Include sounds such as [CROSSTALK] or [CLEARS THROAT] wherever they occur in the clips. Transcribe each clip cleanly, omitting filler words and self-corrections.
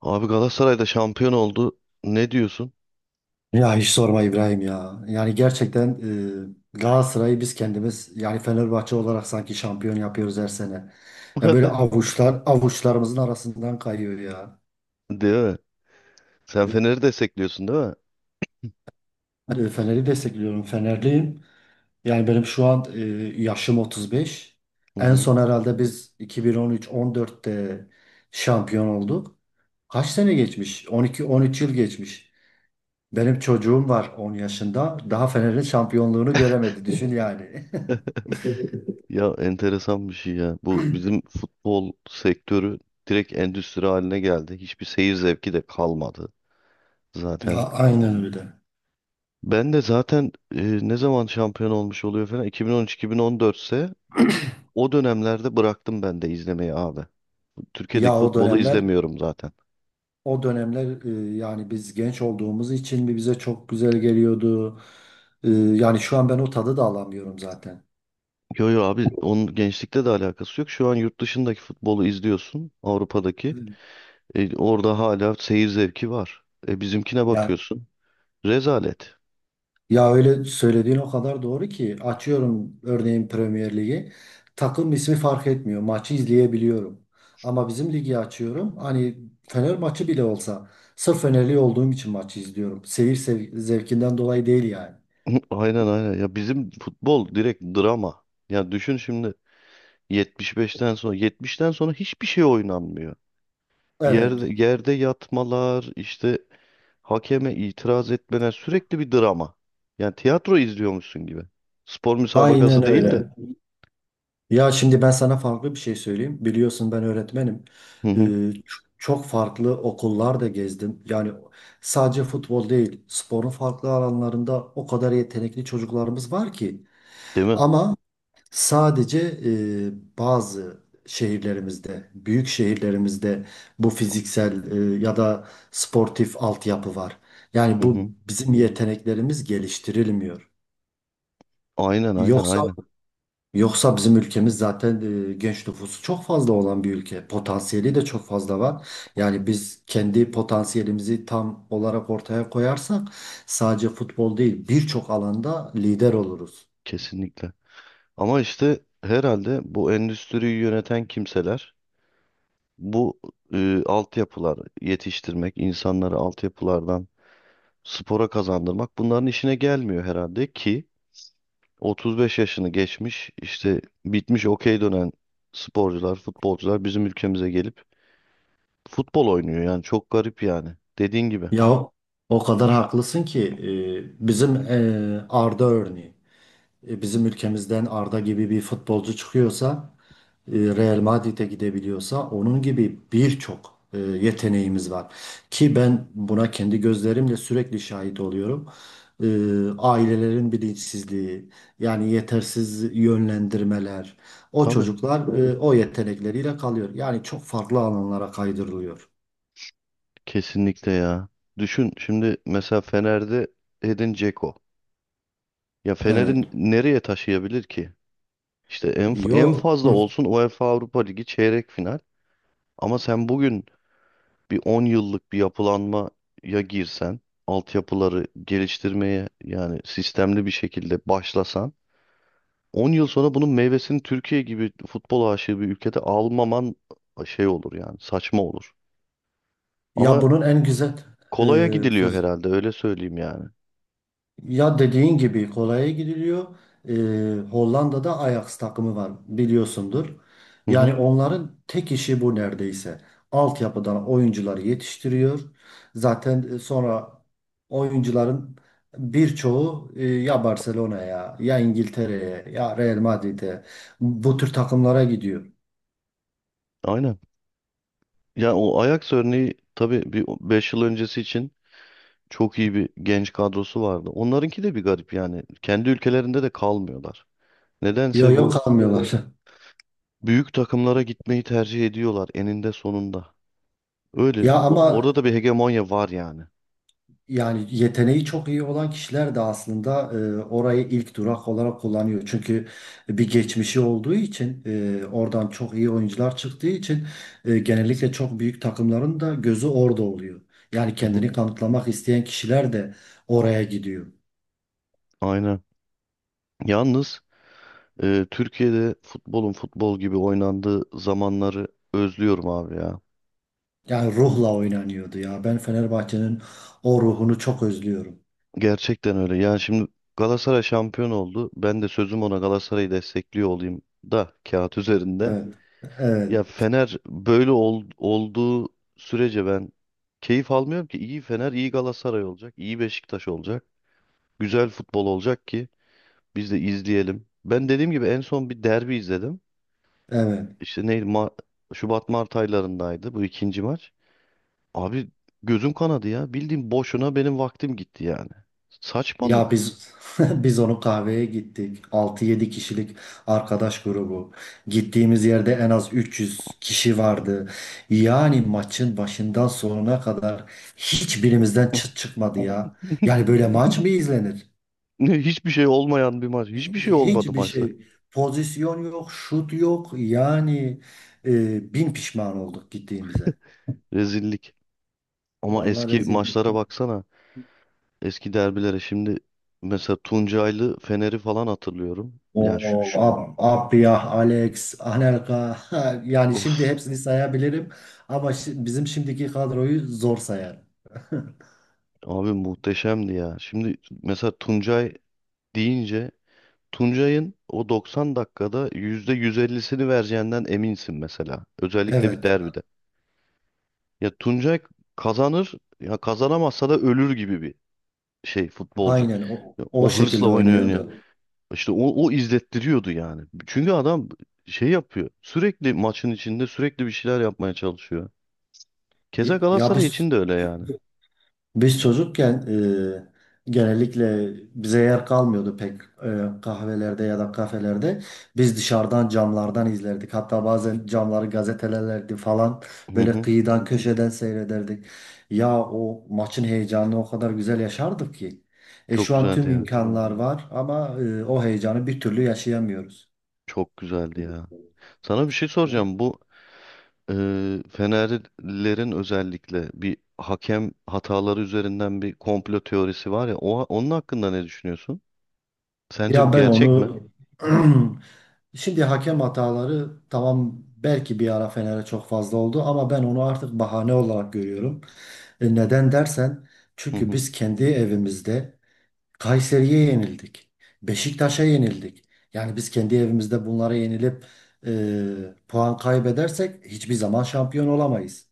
Abi Galatasaray da şampiyon oldu. Ne diyorsun? Ya hiç sorma İbrahim ya. Yani gerçekten Galatasaray'ı biz kendimiz yani Fenerbahçe olarak sanki şampiyon yapıyoruz her sene. Ya böyle [LAUGHS] avuçlarımızın arasından kayıyor ya. Değil mi? Sen E, Fener'i destekliyorsun değil mi? Fener'i destekliyorum. Fenerliyim. Yani benim şu an yaşım 35. Hı En hı. son herhalde biz 2013-14'te şampiyon olduk. Kaç sene geçmiş? 12-13 yıl geçmiş. Benim çocuğum var 10 yaşında. Daha Fener'in şampiyonluğunu göremedi. Düşün yani. [LAUGHS] Ya enteresan bir şey ya. Bu bizim futbol sektörü direkt endüstri haline geldi. Hiçbir seyir zevki de kalmadı Ya, zaten. aynen öyle. Ben de zaten ne zaman şampiyon olmuş oluyor falan 2013-2014 ise o dönemlerde bıraktım ben de izlemeyi abi. Türkiye'deki Ya o futbolu dönemler izlemiyorum zaten. o dönemler yani biz genç olduğumuz için mi bize çok güzel geliyordu. Yani şu an ben o tadı da alamıyorum zaten. Yo yo abi onun gençlikte de alakası yok. Şu an yurt dışındaki futbolu izliyorsun. Avrupa'daki. Hmm. Orada hala seyir zevki var. Bizimkine Ya bakıyorsun. Rezalet. ya öyle söylediğin o kadar doğru ki açıyorum örneğin Premier Ligi. Takım ismi fark etmiyor. Maçı izleyebiliyorum. Ama bizim ligi açıyorum. Hani Fener maçı bile olsa sırf Fenerli olduğum için maçı izliyorum. Seyir zevkinden dolayı değil yani. [LAUGHS] Aynen, aynen. Ya bizim futbol direkt drama. Ya düşün şimdi 75'ten sonra 70'ten sonra hiçbir şey oynanmıyor. Evet. Yerde yerde yatmalar, işte hakeme itiraz etmeler, sürekli bir drama. Yani tiyatro izliyormuşsun gibi. Spor müsabakası Aynen değil de. öyle. Ya şimdi ben sana farklı bir şey söyleyeyim. Biliyorsun ben öğretmenim. Hı hı. Çok farklı okullar da gezdim. Yani sadece futbol değil, sporun farklı alanlarında o kadar yetenekli çocuklarımız var ki. Değil mi? Ama sadece bazı şehirlerimizde, büyük şehirlerimizde bu fiziksel ya da sportif altyapı var. Yani Hı bu hı. bizim yeteneklerimiz geliştirilmiyor. Aynen, aynen, Yoksa aynen. Yoksa bizim ülkemiz zaten genç nüfusu çok fazla olan bir ülke. Potansiyeli de çok fazla var. Yani biz kendi potansiyelimizi tam olarak ortaya koyarsak sadece futbol değil birçok alanda lider oluruz. Kesinlikle. Ama işte herhalde bu endüstriyi yöneten kimseler, bu, altyapılar yetiştirmek, insanları altyapılardan spora kazandırmak, bunların işine gelmiyor herhalde ki 35 yaşını geçmiş, işte bitmiş, okey dönen sporcular, futbolcular bizim ülkemize gelip futbol oynuyor. Yani çok garip, yani dediğin gibi. Ya o kadar haklısın ki bizim Arda örneği. Bizim ülkemizden Arda gibi bir futbolcu çıkıyorsa, Real Madrid'e gidebiliyorsa onun gibi birçok yeteneğimiz var. Ki ben buna kendi gözlerimle sürekli şahit oluyorum. E, Ailelerin bilinçsizliği, yani yetersiz yönlendirmeler, o Tabii, çocuklar o yetenekleriyle kalıyor. Yani çok farklı alanlara kaydırılıyor. kesinlikle ya. Düşün şimdi mesela Fener'de Edin Dzeko. Ya Evet. Fener'in nereye taşıyabilir ki? İşte en Yo. fazla Hı. olsun UEFA Avrupa Ligi çeyrek final. Ama sen bugün bir 10 yıllık bir yapılanmaya girsen, altyapıları geliştirmeye yani sistemli bir şekilde başlasan, 10 yıl sonra bunun meyvesini Türkiye gibi futbol aşığı bir ülkede almaman şey olur, yani saçma olur. Ya Ama bunun en güzel e, kolaya gidiliyor söz herhalde, öyle söyleyeyim yani. Ya dediğin gibi kolaya gidiliyor. Hollanda'da Ajax takımı var biliyorsundur. Hı hı, Yani onların tek işi bu neredeyse. Altyapıdan oyuncuları yetiştiriyor. Zaten sonra oyuncuların birçoğu ya Barcelona'ya ya İngiltere'ye ya Real Madrid'e bu tür takımlara gidiyor. aynen. Ya o Ajax örneği tabii, bir 5 yıl öncesi için çok iyi bir genç kadrosu vardı. Onlarınki de bir garip yani. Kendi ülkelerinde de kalmıyorlar. Yok Nedense yok bu kalmıyorlar. [LAUGHS] büyük takımlara gitmeyi tercih ediyorlar eninde sonunda. Öyle, Ya ama orada da bir hegemonya var yani. Yani yeteneği çok iyi olan kişiler de aslında orayı ilk durak olarak kullanıyor. Çünkü bir geçmişi olduğu için oradan çok iyi oyuncular çıktığı için genellikle çok büyük takımların da gözü orada oluyor. Yani Hı hı, kendini kanıtlamak isteyen kişiler de oraya gidiyor. aynen. Yalnız Türkiye'de futbolun futbol gibi oynandığı zamanları özlüyorum abi ya. Yani ruhla oynanıyordu ya. Ben Fenerbahçe'nin o ruhunu çok özlüyorum. Gerçekten öyle. Yani şimdi Galatasaray şampiyon oldu. Ben de sözüm ona Galatasaray'ı destekliyor olayım da, kağıt üzerinde. Evet. Evet. Ya Fener böyle olduğu sürece ben keyif almıyorum ki. İyi Fener, iyi Galatasaray olacak, iyi Beşiktaş olacak. Güzel futbol olacak ki biz de izleyelim. Ben dediğim gibi en son bir derbi izledim. Evet. İşte neydi? Şubat Mart aylarındaydı bu ikinci maç. Abi gözüm kanadı ya. Bildiğim boşuna benim vaktim gitti yani. Ya Saçmalık. biz [LAUGHS] biz onu kahveye gittik. 6-7 kişilik arkadaş grubu. Gittiğimiz yerde en az 300 kişi vardı. Yani maçın başından sonuna kadar hiçbirimizden çıt çıkmadı ya. Yani [LAUGHS] böyle maç mı izlenir? Ne, hiçbir şey olmayan bir maç. Hiçbir şey olmadı Hiçbir maçta. şey. Pozisyon yok, şut yok. Yani bin pişman olduk gittiğimize. Rezillik. Ama Vallahi eski rezil. maçlara baksana. Eski derbilere, şimdi mesela Tuncaylı Fener'i falan hatırlıyorum. Yani şu, O şu Abdiyah, Alex, Anelka [LAUGHS] yani of, şimdi hepsini sayabilirim ama bizim şimdiki kadroyu zor sayarım. [LAUGHS] abi muhteşemdi ya. Şimdi mesela Tuncay deyince, Tuncay'ın o 90 dakikada %150'sini vereceğinden eminsin mesela. Özellikle bir Evet, derbide. Ya Tuncay kazanır, ya kazanamazsa da ölür gibi bir şey futbolcu. aynen o, Ya o o hırsla şekilde oynuyor, oynuyor. oynuyordu. İşte o izlettiriyordu yani. Çünkü adam şey yapıyor, sürekli maçın içinde sürekli bir şeyler yapmaya çalışıyor. Keza Y- Ya Galatasaray biz için de öyle yani. Biz çocukken genellikle bize yer kalmıyordu pek kahvelerde ya da kafelerde. Biz dışarıdan camlardan izlerdik. Hatta bazen camları gazetelerdi falan Hı böyle hı. kıyıdan köşeden seyrederdik. Ya o maçın heyecanını o kadar güzel yaşardık ki. Çok Şu an güzeldi tüm ya. imkanlar var ama o heyecanı bir türlü yaşayamıyoruz. Çok güzeldi ya. Sana bir şey soracağım. Bu, e, Fenerlilerin özellikle bir hakem hataları üzerinden bir komplo teorisi var ya. Onun hakkında ne düşünüyorsun? Sence bu Ya ben gerçek mi? onu. [CLEARS THROAT] Şimdi hakem hataları tamam belki bir ara Fener'e çok fazla oldu ama ben onu artık bahane olarak görüyorum. Neden dersen Hı çünkü hı. biz kendi evimizde Kayseri'ye yenildik. Beşiktaş'a yenildik. Yani biz kendi evimizde bunlara yenilip puan kaybedersek hiçbir zaman şampiyon olamayız.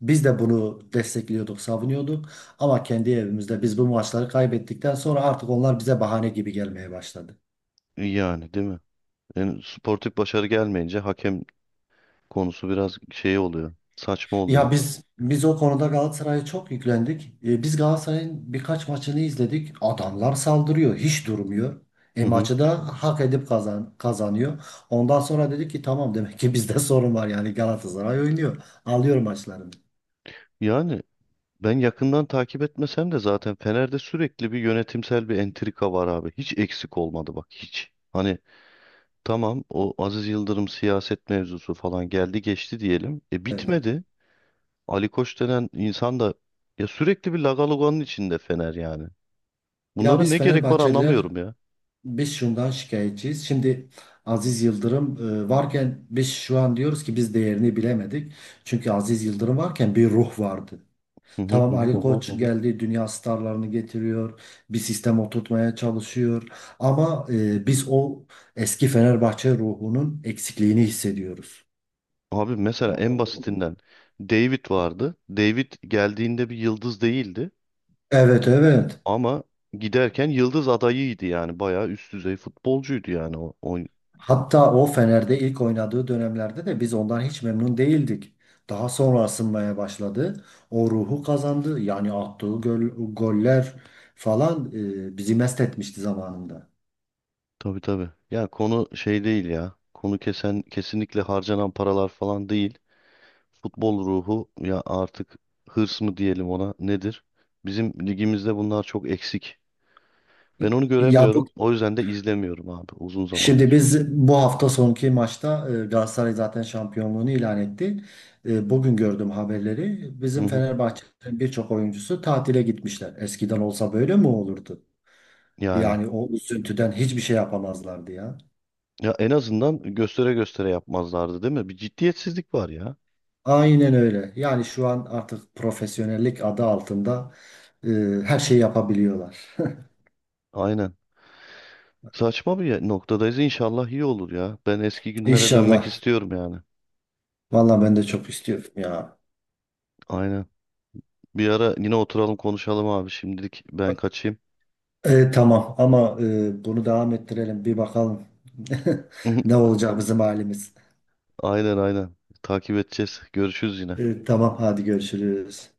Biz de bunu destekliyorduk, savunuyorduk ama kendi evimizde biz bu maçları kaybettikten sonra artık onlar bize bahane gibi gelmeye başladı. Yani değil mi? Yani sportif başarı gelmeyince hakem konusu biraz şey oluyor, saçma Ya oluyor. biz o konuda Galatasaray'a çok yüklendik. Biz Galatasaray'ın birkaç maçını izledik. Adamlar saldırıyor, hiç durmuyor. Hı hı. Maçı da hak edip kazanıyor. Ondan sonra dedik ki tamam, demek ki bizde [LAUGHS] sorun var yani. Galatasaray oynuyor. Alıyor maçlarını. Yani ben yakından takip etmesem de, zaten Fener'de sürekli bir yönetimsel bir entrika var abi. Hiç eksik olmadı, bak, hiç. Hani tamam, o Aziz Yıldırım siyaset mevzusu falan geldi geçti diyelim. E Evet. bitmedi. Ali Koç denen insan da ya, sürekli bir lagaloganın içinde Fener yani. Ya Bunlara biz ne gerek var, Fenerbahçeliler anlamıyorum ya. biz şundan şikayetçiyiz. Şimdi Aziz Yıldırım varken biz şu an diyoruz ki biz değerini bilemedik. Çünkü Aziz Yıldırım varken bir ruh vardı. Hı hı Tamam, hı, hı. Ali Koç geldi, dünya starlarını getiriyor, bir sistem oturtmaya çalışıyor. Ama biz o eski Fenerbahçe ruhunun eksikliğini hissediyoruz. Abi mesela en basitinden, David vardı. David geldiğinde bir yıldız değildi Evet, evet. ama giderken yıldız adayıydı yani. Bayağı üst düzey futbolcuydu yani o, o Hatta o Fener'de ilk oynadığı dönemlerde de biz ondan hiç memnun değildik. Daha sonra ısınmaya başladı. O ruhu kazandı. Yani attığı goller falan bizi mest etmişti zamanında. Tabii, tabii. Ya konu şey değil ya. Konu kesinlikle harcanan paralar falan değil. Futbol ruhu ya, artık hırs mı diyelim ona, nedir? Bizim ligimizde bunlar çok eksik. Ben onu Ya bu göremiyorum. O yüzden de izlemiyorum abi, uzun Şimdi zamandır. biz bu hafta sonki maçta Galatasaray zaten şampiyonluğunu ilan etti. Bugün gördüm haberleri. Hı Bizim hı. Fenerbahçe'nin birçok oyuncusu tatile gitmişler. Eskiden olsa böyle mi olurdu? Yani Yani o üzüntüden hiçbir şey yapamazlardı ya. ya en azından göstere göstere yapmazlardı değil mi? Bir ciddiyetsizlik var ya. Aynen öyle. Yani şu an artık profesyonellik adı altında e, her şeyi yapabiliyorlar. Aynen. Saçma bir noktadayız. İnşallah iyi olur ya. Ben eski günlere dönmek İnşallah. istiyorum yani. Vallahi ben de çok istiyorum ya. Aynen. Bir ara yine oturalım, konuşalım abi. Şimdilik ben kaçayım. Tamam ama bunu devam ettirelim. Bir bakalım [LAUGHS] ne [LAUGHS] olacak bizim halimiz. Aynen, aynen. Takip edeceğiz. Görüşürüz yine. Tamam hadi görüşürüz.